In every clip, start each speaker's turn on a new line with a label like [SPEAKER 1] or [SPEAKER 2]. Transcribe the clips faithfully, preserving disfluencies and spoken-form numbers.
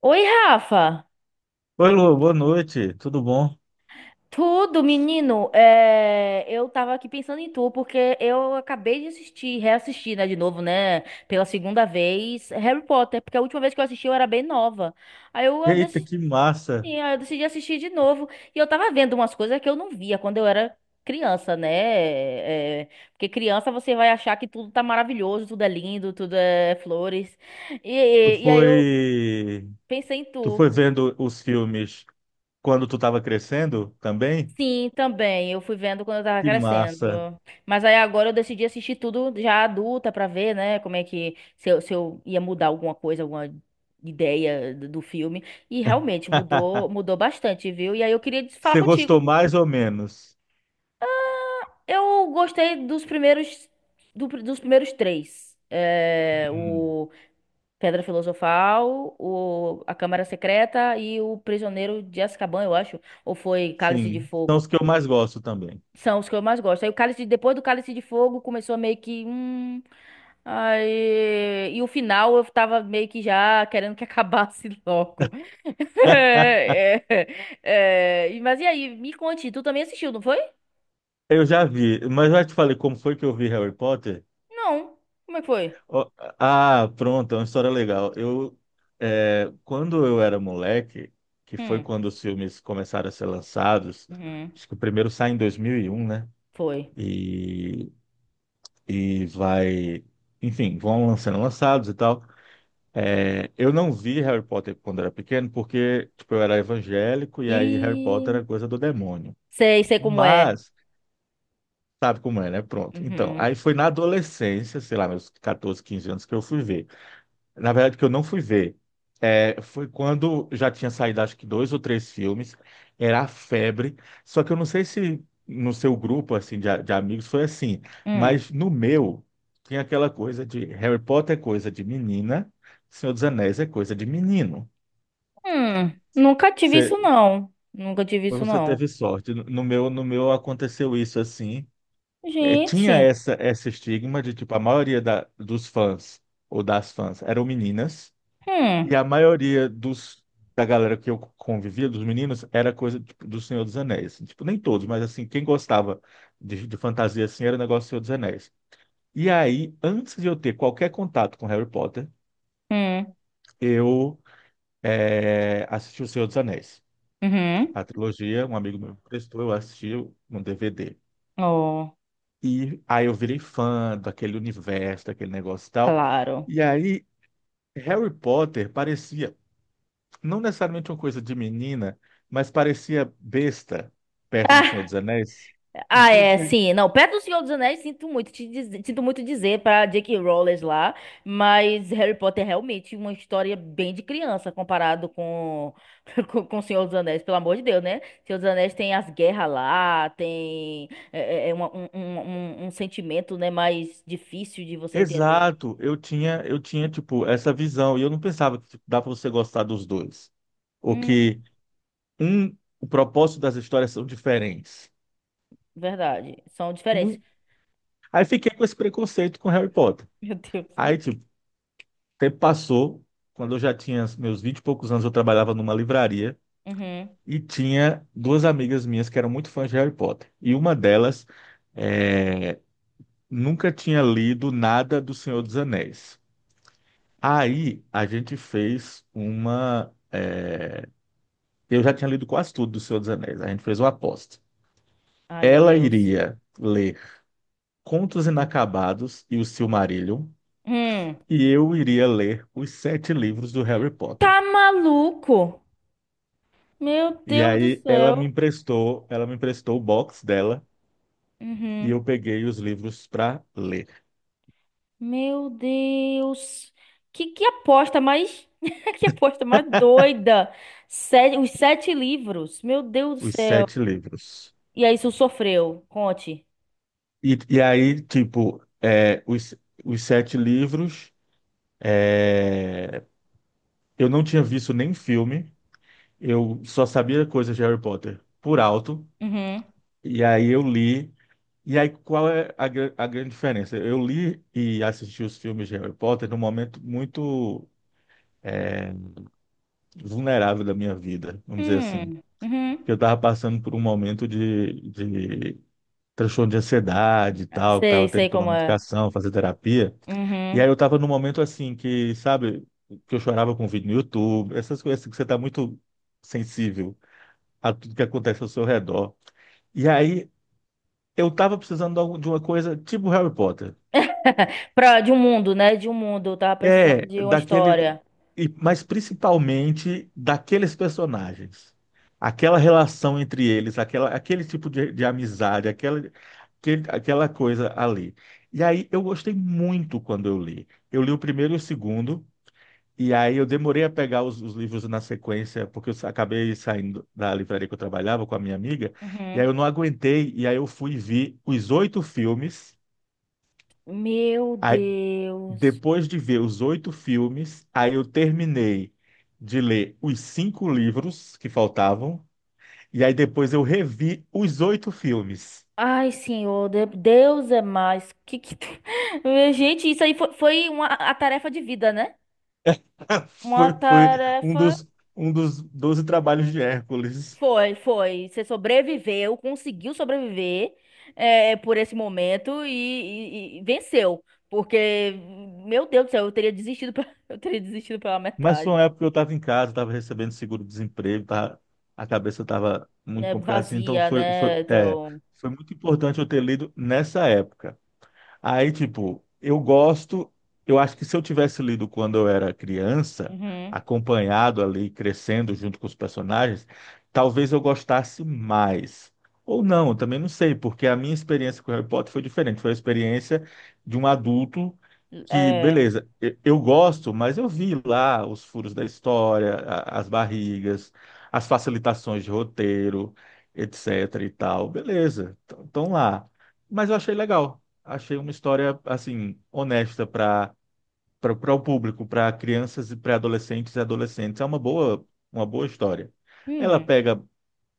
[SPEAKER 1] Oi, Rafa!
[SPEAKER 2] Oi, Lu, boa noite, tudo bom?
[SPEAKER 1] Tudo, menino? É, eu tava aqui pensando em tu, porque eu acabei de assistir, reassistir, né, de novo, né, pela segunda vez, Harry Potter, porque a última vez que eu assisti eu era bem nova. Aí eu ah,
[SPEAKER 2] Eita,
[SPEAKER 1] decidi,
[SPEAKER 2] que massa!
[SPEAKER 1] aí eu decidi assistir de novo, e eu tava vendo umas coisas que eu não via quando eu era criança, né? É, porque criança você vai achar que tudo tá maravilhoso, tudo é lindo, tudo é flores. E,
[SPEAKER 2] Tu
[SPEAKER 1] e e aí eu
[SPEAKER 2] foi,
[SPEAKER 1] pensei em
[SPEAKER 2] tu foi
[SPEAKER 1] tu.
[SPEAKER 2] vendo os filmes quando tu estava crescendo também?
[SPEAKER 1] Sim, também. Eu fui vendo quando eu tava
[SPEAKER 2] Que
[SPEAKER 1] crescendo.
[SPEAKER 2] massa!
[SPEAKER 1] Mas aí agora eu decidi assistir tudo já adulta pra ver, né, como é que se eu, se eu ia mudar alguma coisa, alguma ideia do do filme. E realmente mudou, mudou bastante, viu? E aí eu queria des- falar
[SPEAKER 2] Você gostou
[SPEAKER 1] contigo.
[SPEAKER 2] mais ou menos?
[SPEAKER 1] Eu gostei dos primeiros do dos primeiros três. É,
[SPEAKER 2] Hum,
[SPEAKER 1] o Pedra Filosofal, o, a Câmara Secreta e o Prisioneiro de Azkaban, eu acho. Ou foi Cálice de
[SPEAKER 2] sim, são os
[SPEAKER 1] Fogo?
[SPEAKER 2] que eu mais gosto também.
[SPEAKER 1] São os que eu mais gosto. Aí o Cálice, depois do Cálice de Fogo, começou a meio que. Hum, aí... E o final eu tava meio que já querendo que acabasse logo. É, é, é, e- Mas e aí, me conte, tu também assistiu, não foi?
[SPEAKER 2] Eu já vi, mas já te falei como foi que eu vi Harry Potter?
[SPEAKER 1] Não. Como é que foi?
[SPEAKER 2] Ó, ah, pronto, é uma história legal. Eu, é, quando eu era moleque, que foi
[SPEAKER 1] Hum.
[SPEAKER 2] quando os filmes começaram a ser lançados,
[SPEAKER 1] Uhum.
[SPEAKER 2] acho que o primeiro sai em dois mil e um, né?
[SPEAKER 1] Foi.
[SPEAKER 2] E, e vai, enfim, vão sendo lançados e tal. É, eu não vi Harry Potter quando era pequeno, porque tipo, eu era evangélico e aí Harry Potter
[SPEAKER 1] E.
[SPEAKER 2] era coisa do demônio.
[SPEAKER 1] Sei, sei como é.
[SPEAKER 2] Mas, sabe como é, né? Pronto. Então,
[SPEAKER 1] Uhum.
[SPEAKER 2] aí foi na adolescência, sei lá, meus quatorze, 15 anos que eu fui ver. Na verdade, que eu não fui ver. É, foi quando já tinha saído, acho que dois ou três filmes. Era a febre. Só que eu não sei se no seu grupo, assim, de, a- de amigos foi assim.
[SPEAKER 1] Hum.
[SPEAKER 2] Mas no meu, tinha aquela coisa de Harry Potter é coisa de menina, Senhor dos Anéis é coisa de menino.
[SPEAKER 1] Hum. Nunca tive
[SPEAKER 2] Você,
[SPEAKER 1] isso, não. Nunca tive isso,
[SPEAKER 2] você
[SPEAKER 1] não.
[SPEAKER 2] teve sorte. No no meu, no meu aconteceu isso assim. É, tinha
[SPEAKER 1] Gente.
[SPEAKER 2] essa, esse estigma de, tipo, a maioria da, dos fãs ou das fãs eram meninas. E
[SPEAKER 1] Hum.
[SPEAKER 2] a maioria dos, da galera que eu convivia, dos meninos, era coisa tipo, do Senhor dos Anéis. Assim. Tipo, nem todos, mas assim, quem gostava de, de fantasia assim era o negócio do Senhor dos Anéis. E aí, antes de eu ter qualquer contato com Harry Potter,
[SPEAKER 1] Hum.
[SPEAKER 2] eu eh, assisti o Senhor dos Anéis.
[SPEAKER 1] Uhum.
[SPEAKER 2] A trilogia, um amigo meu me prestou, eu assisti no D V D.
[SPEAKER 1] Oh.
[SPEAKER 2] E aí eu virei fã daquele universo, daquele negócio e tal.
[SPEAKER 1] Claro.
[SPEAKER 2] E aí, Harry Potter parecia não necessariamente uma coisa de menina, mas parecia besta perto do Senhor
[SPEAKER 1] Ah,
[SPEAKER 2] dos Anéis. Não
[SPEAKER 1] ah,
[SPEAKER 2] sei
[SPEAKER 1] é,
[SPEAKER 2] se...
[SPEAKER 1] sim. Não, perto do Senhor dos Anéis, sinto muito, te dizer, sinto muito dizer pra J K. Rowling lá, mas Harry Potter é realmente uma história bem de criança comparado com, com, com Senhor dos Anéis, pelo amor de Deus, né? Senhor dos Anéis tem as guerras lá, tem é, é, é uma- um, um, um, um sentimento, né, mais difícil de você entender.
[SPEAKER 2] Exato, eu tinha, eu tinha tipo essa visão e eu não pensava que tipo, dá para você gostar dos dois, ou
[SPEAKER 1] Hum,
[SPEAKER 2] que um, o propósito das histórias são diferentes.
[SPEAKER 1] verdade. São diferentes.
[SPEAKER 2] Não- Aí fiquei com esse preconceito com Harry Potter.
[SPEAKER 1] Meu Deus.
[SPEAKER 2] Aí tipo, o tempo passou, quando eu já tinha meus vinte e poucos anos, eu trabalhava numa livraria
[SPEAKER 1] Uhum.
[SPEAKER 2] e tinha duas amigas minhas que eram muito fãs de Harry Potter. E uma delas eh, nunca tinha lido nada do Senhor dos Anéis. Aí a gente fez uma. eh, Eu já tinha lido quase tudo do Senhor dos Anéis. A gente fez uma aposta.
[SPEAKER 1] Ai, meu
[SPEAKER 2] Ela
[SPEAKER 1] Deus.
[SPEAKER 2] iria ler Contos Inacabados e o Silmarillion,
[SPEAKER 1] Hum.
[SPEAKER 2] e eu iria ler os sete livros do Harry Potter.
[SPEAKER 1] Tá maluco? Meu
[SPEAKER 2] E
[SPEAKER 1] Deus do
[SPEAKER 2] aí ela me
[SPEAKER 1] céu.
[SPEAKER 2] emprestou, ela me emprestou o box dela e eu
[SPEAKER 1] Uhum.
[SPEAKER 2] peguei os livros para ler,
[SPEAKER 1] Meu Deus. Que, que aposta mais. Que aposta mais doida. Sete, os sete livros. Meu Deus do
[SPEAKER 2] os
[SPEAKER 1] céu.
[SPEAKER 2] sete livros.
[SPEAKER 1] E aí, isso sofreu. Conte.
[SPEAKER 2] E, e aí, tipo, eh, os, os sete livros. É, eu não tinha visto nem filme, eu só sabia coisas de Harry Potter por alto,
[SPEAKER 1] Uhum.
[SPEAKER 2] e aí eu li. E aí, qual é a, gra- a grande diferença? Eu li e assisti os filmes de Harry Potter num momento muito vulnerável da minha vida, vamos dizer assim.
[SPEAKER 1] Hum. Uhum.
[SPEAKER 2] Eu estava passando por um momento de, de transtorno de ansiedade e tal, estava
[SPEAKER 1] Sei,
[SPEAKER 2] tendo que
[SPEAKER 1] sei
[SPEAKER 2] tomar
[SPEAKER 1] como é.
[SPEAKER 2] medicação, fazer terapia. E aí
[SPEAKER 1] Uhum.
[SPEAKER 2] eu tava num momento assim que, sabe, que eu chorava com vídeo no YouTube, essas coisas assim que você tá muito sensível a tudo que acontece ao seu redor. E aí eu tava precisando de algum- de uma coisa tipo Harry Potter.
[SPEAKER 1] Pra, de um mundo, né? De um mundo. Eu tava precisando
[SPEAKER 2] É,
[SPEAKER 1] de uma
[SPEAKER 2] daquele,
[SPEAKER 1] história.
[SPEAKER 2] e- mas principalmente daqueles personagens. Aquela relação entre eles, aquela, aquele tipo de, de amizade, aquela, aquele- aquela coisa ali. E aí eu gostei muito quando eu li. Eu li o primeiro e o segundo. E aí eu demorei a pegar os, os livros na sequência, porque eu sa- acabei saindo da livraria que eu trabalhava com a minha amiga, e
[SPEAKER 1] Uhum.
[SPEAKER 2] aí eu não aguentei, e aí eu fui ver os oito filmes,
[SPEAKER 1] Meu
[SPEAKER 2] aí
[SPEAKER 1] Deus.
[SPEAKER 2] depois de ver os oito filmes, aí eu terminei de ler os cinco livros que faltavam, e aí depois eu revi os oito filmes.
[SPEAKER 1] Ai, senhor, de- Deus é mais. Que, que... tu- Eh, gente, isso aí foi, foi uma, a tarefa de vida, né? Uma
[SPEAKER 2] Foi, foi um
[SPEAKER 1] tarefa.
[SPEAKER 2] dos, um dos doze trabalhos de Hércules.
[SPEAKER 1] Foi, foi. Você sobreviveu, conseguiu sobreviver é, por esse momento e, e- e venceu. Porque, meu Deus do céu, eu teria desistido, pe- eu teria desistido pela
[SPEAKER 2] Mas foi
[SPEAKER 1] metade.
[SPEAKER 2] uma época que eu estava em casa, estava recebendo seguro-desemprego, tava- a cabeça estava muito
[SPEAKER 1] É
[SPEAKER 2] complicada, assim, então
[SPEAKER 1] vazia,
[SPEAKER 2] foi, foi,
[SPEAKER 1] né?
[SPEAKER 2] é,
[SPEAKER 1] Então.
[SPEAKER 2] foi muito importante eu ter lido nessa época. Aí, tipo, eu gosto, eu acho que se eu tivesse lido quando eu era criança,
[SPEAKER 1] Uhum.
[SPEAKER 2] acompanhado ali, crescendo junto com os personagens, talvez eu gostasse mais. Ou não, eu também não sei, porque a minha experiência com Harry Potter foi diferente. Foi a experiência de um adulto que,
[SPEAKER 1] É.
[SPEAKER 2] beleza, eu, eu gosto, mas eu vi lá os furos da história, a- as barrigas, as facilitações de roteiro, etc e tal. Beleza, estão lá. Mas eu achei legal, achei uma história assim honesta para para o público, para crianças e pré-adolescentes e adolescentes. É uma boa, uma boa história. Ela
[SPEAKER 1] Hum.
[SPEAKER 2] pega,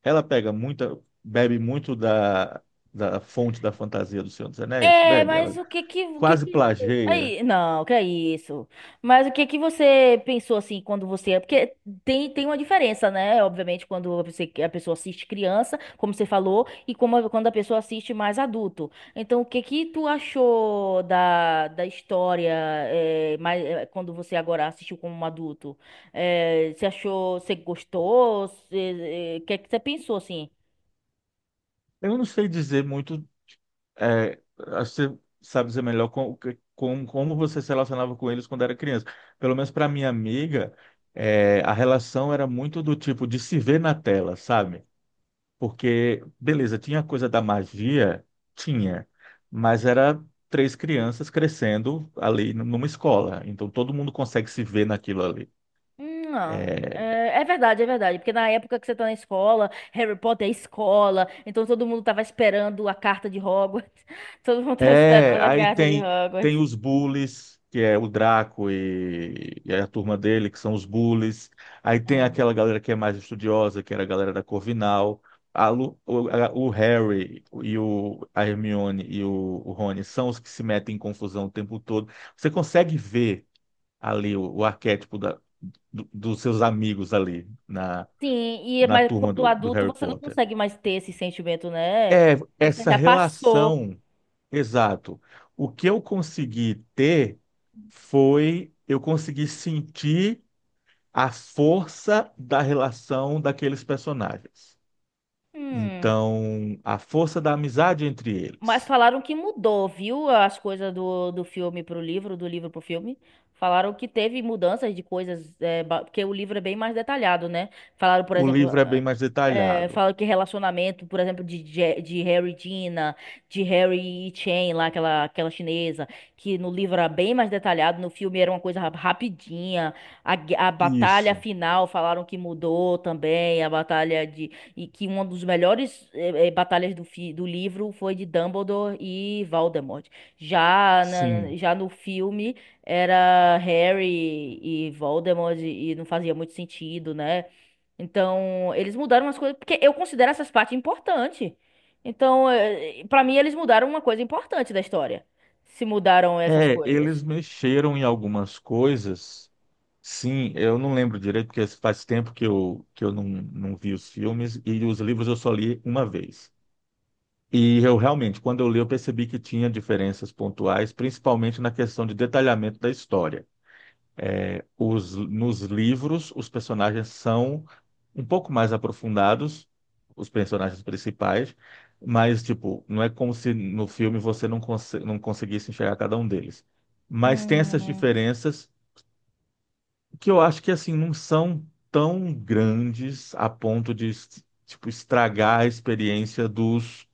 [SPEAKER 2] ela pega muita, bebe muito da da fonte da fantasia do Senhor dos Anéis,
[SPEAKER 1] É,
[SPEAKER 2] bebe, ela
[SPEAKER 1] mas o que que, o que
[SPEAKER 2] quase
[SPEAKER 1] que...
[SPEAKER 2] plageia.
[SPEAKER 1] Aí, não, que é isso. Mas o que que você pensou assim quando você... é, Porque tem, tem uma diferença, né? Obviamente, quando você, a pessoa assiste criança, como você falou, e como, a- quando a pessoa assiste mais adulto. Então, o que que tu achou da, da história, é, mais, é, quando você agora assistiu como um adulto? É, você achou, você gostou? Você- é, O que é que você pensou, assim?
[SPEAKER 2] Eu não sei dizer muito, é, acho que você sabe dizer melhor com, com, como você se relacionava com eles quando era criança. Pelo menos para minha amiga, é, a relação era muito do tipo de se ver na tela, sabe? Porque, beleza, tinha a coisa da magia, tinha, mas era três crianças crescendo ali n- numa escola, então todo mundo consegue se ver naquilo ali.
[SPEAKER 1] Hum, Não,
[SPEAKER 2] É,
[SPEAKER 1] é, é verdade, é verdade. Porque na época que você tá na escola, Harry Potter é escola, então todo mundo tava esperando a carta de Hogwarts. Todo mundo tava
[SPEAKER 2] é,
[SPEAKER 1] esperando a
[SPEAKER 2] aí
[SPEAKER 1] carta de
[SPEAKER 2] tem tem
[SPEAKER 1] Hogwarts.
[SPEAKER 2] os bullies, que é o Draco e, e a turma dele, que são os bullies. Aí tem
[SPEAKER 1] É.
[SPEAKER 2] aquela galera que é mais estudiosa, que era a galera da Corvinal. A Lu- o, a- o Harry e o, a Hermione e o, o Rony são os que se metem em confusão o tempo todo. Você consegue ver ali o, o arquétipo da- do- dos seus amigos ali na,
[SPEAKER 1] Sim, e
[SPEAKER 2] na
[SPEAKER 1] mas
[SPEAKER 2] turma
[SPEAKER 1] quando
[SPEAKER 2] do, do
[SPEAKER 1] adulto
[SPEAKER 2] Harry
[SPEAKER 1] você não
[SPEAKER 2] Potter.
[SPEAKER 1] consegue mais ter esse sentimento, né?
[SPEAKER 2] É
[SPEAKER 1] Porque você
[SPEAKER 2] essa
[SPEAKER 1] já passou.
[SPEAKER 2] relação, exato. O que eu consegui ter foi eu consegui sentir a força da relação daqueles personagens.
[SPEAKER 1] Hum.
[SPEAKER 2] Então, a força da amizade entre
[SPEAKER 1] Mas
[SPEAKER 2] eles.
[SPEAKER 1] falaram que mudou, viu? As coisas do, do filme pro livro, do livro pro filme. Falaram que teve mudanças de coisas, é, ba- porque o livro é bem mais detalhado, né? Falaram, por
[SPEAKER 2] O
[SPEAKER 1] exemplo,
[SPEAKER 2] livro é bem
[SPEAKER 1] ah,
[SPEAKER 2] mais
[SPEAKER 1] é,
[SPEAKER 2] detalhado.
[SPEAKER 1] falaram que relacionamento, por exemplo, de, Je- de Harry e Gina, de Harry e Chen, lá, aquela, aquela chinesa, que no livro era bem mais detalhado, no filme era uma coisa ra- rapidinha. A, gue- a batalha
[SPEAKER 2] Isso,
[SPEAKER 1] final falaram que mudou também, a batalha e que uma dos melhores eh, eh, batalhas do, fi- do livro foi de Dumbledore e Voldemort. Já, na-
[SPEAKER 2] sim.
[SPEAKER 1] já no filme era Harry e Voldemort e não fazia muito sentido, né? Então, eles mudaram as coisas, porque eu considero essas partes importantes. Então, eh, pra mim, eles mudaram uma coisa importante da história. Se mudaram essas
[SPEAKER 2] É,
[SPEAKER 1] coisas.
[SPEAKER 2] eles mexeram em algumas coisas. Sim, eu não lembro direito, porque faz tempo que eu, que eu não, não vi os filmes e os livros eu só li uma vez. E eu realmente, quando eu li, eu percebi que tinha diferenças pontuais, principalmente na questão de detalhamento da história. Os, nos livros, os personagens são um pouco mais aprofundados, os personagens principais, mas, tipo, não é como se no filme você não, conse não conseguisse enxergar cada um deles. Mas tem essas
[SPEAKER 1] Hum,
[SPEAKER 2] diferenças que eu acho que assim não são tão grandes a ponto de tipo estragar a experiência dos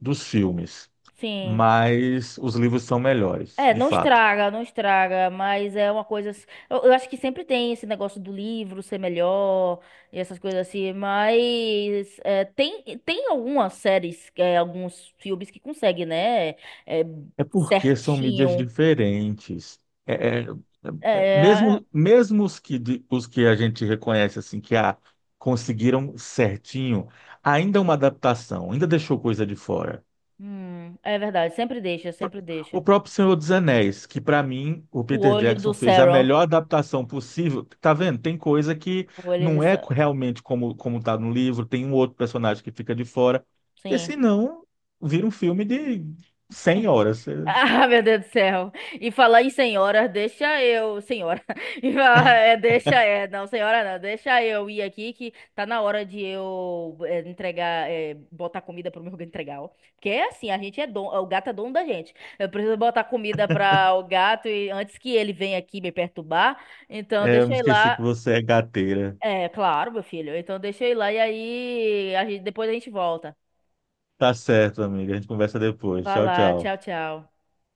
[SPEAKER 2] dos filmes,
[SPEAKER 1] sim.
[SPEAKER 2] mas os livros são melhores,
[SPEAKER 1] É,
[SPEAKER 2] de
[SPEAKER 1] não
[SPEAKER 2] fato.
[SPEAKER 1] estraga, não estraga, mas é uma coisa. ass- Eu, eu acho que sempre tem esse negócio do livro ser melhor e essas coisas assim, mas é, tem, tem algumas séries, é, alguns filmes que conseguem, né? é,
[SPEAKER 2] É porque são mídias
[SPEAKER 1] Certinho.
[SPEAKER 2] diferentes. É, é-
[SPEAKER 1] É,
[SPEAKER 2] é- é,
[SPEAKER 1] é,
[SPEAKER 2] mesmo mesmo os que de- os que a gente reconhece assim que ah, conseguiram certinho, ainda é uma adaptação, ainda deixou coisa de fora.
[SPEAKER 1] hum, é verdade, sempre deixa, sempre
[SPEAKER 2] O
[SPEAKER 1] deixa.
[SPEAKER 2] próprio Senhor dos Anéis, que para mim o
[SPEAKER 1] O
[SPEAKER 2] Peter
[SPEAKER 1] olho
[SPEAKER 2] Jackson
[SPEAKER 1] do
[SPEAKER 2] fez a
[SPEAKER 1] Sauron.
[SPEAKER 2] melhor adaptação possível. Tá vendo? Tem coisa que
[SPEAKER 1] O olho de
[SPEAKER 2] não é
[SPEAKER 1] Sauron.
[SPEAKER 2] realmente como como tá no livro, tem um outro personagem que fica de fora, porque
[SPEAKER 1] Sim.
[SPEAKER 2] senão vira um filme de cem horas.
[SPEAKER 1] Ah, meu Deus do céu. E falar em senhora, deixa eu, senhora. E falar, é, deixa, é, não, senhora não, deixa eu ir aqui que tá na hora de eu é, entregar, é, botar comida pro meu entregar, ó. Porque é assim, a gente é dono, o gato é dono da gente. Eu preciso botar comida para o gato e antes que ele venha aqui me perturbar. Então,
[SPEAKER 2] É, eu
[SPEAKER 1] deixa
[SPEAKER 2] me
[SPEAKER 1] eu ir
[SPEAKER 2] esqueci que
[SPEAKER 1] lá.
[SPEAKER 2] você é gateira.
[SPEAKER 1] É, claro, meu filho. Então, deixa eu ir lá e aí a gente- depois a gente volta.
[SPEAKER 2] Tá certo, amiga. A gente conversa depois.
[SPEAKER 1] Vai
[SPEAKER 2] Tchau,
[SPEAKER 1] lá,
[SPEAKER 2] tchau.
[SPEAKER 1] tchau, tchau.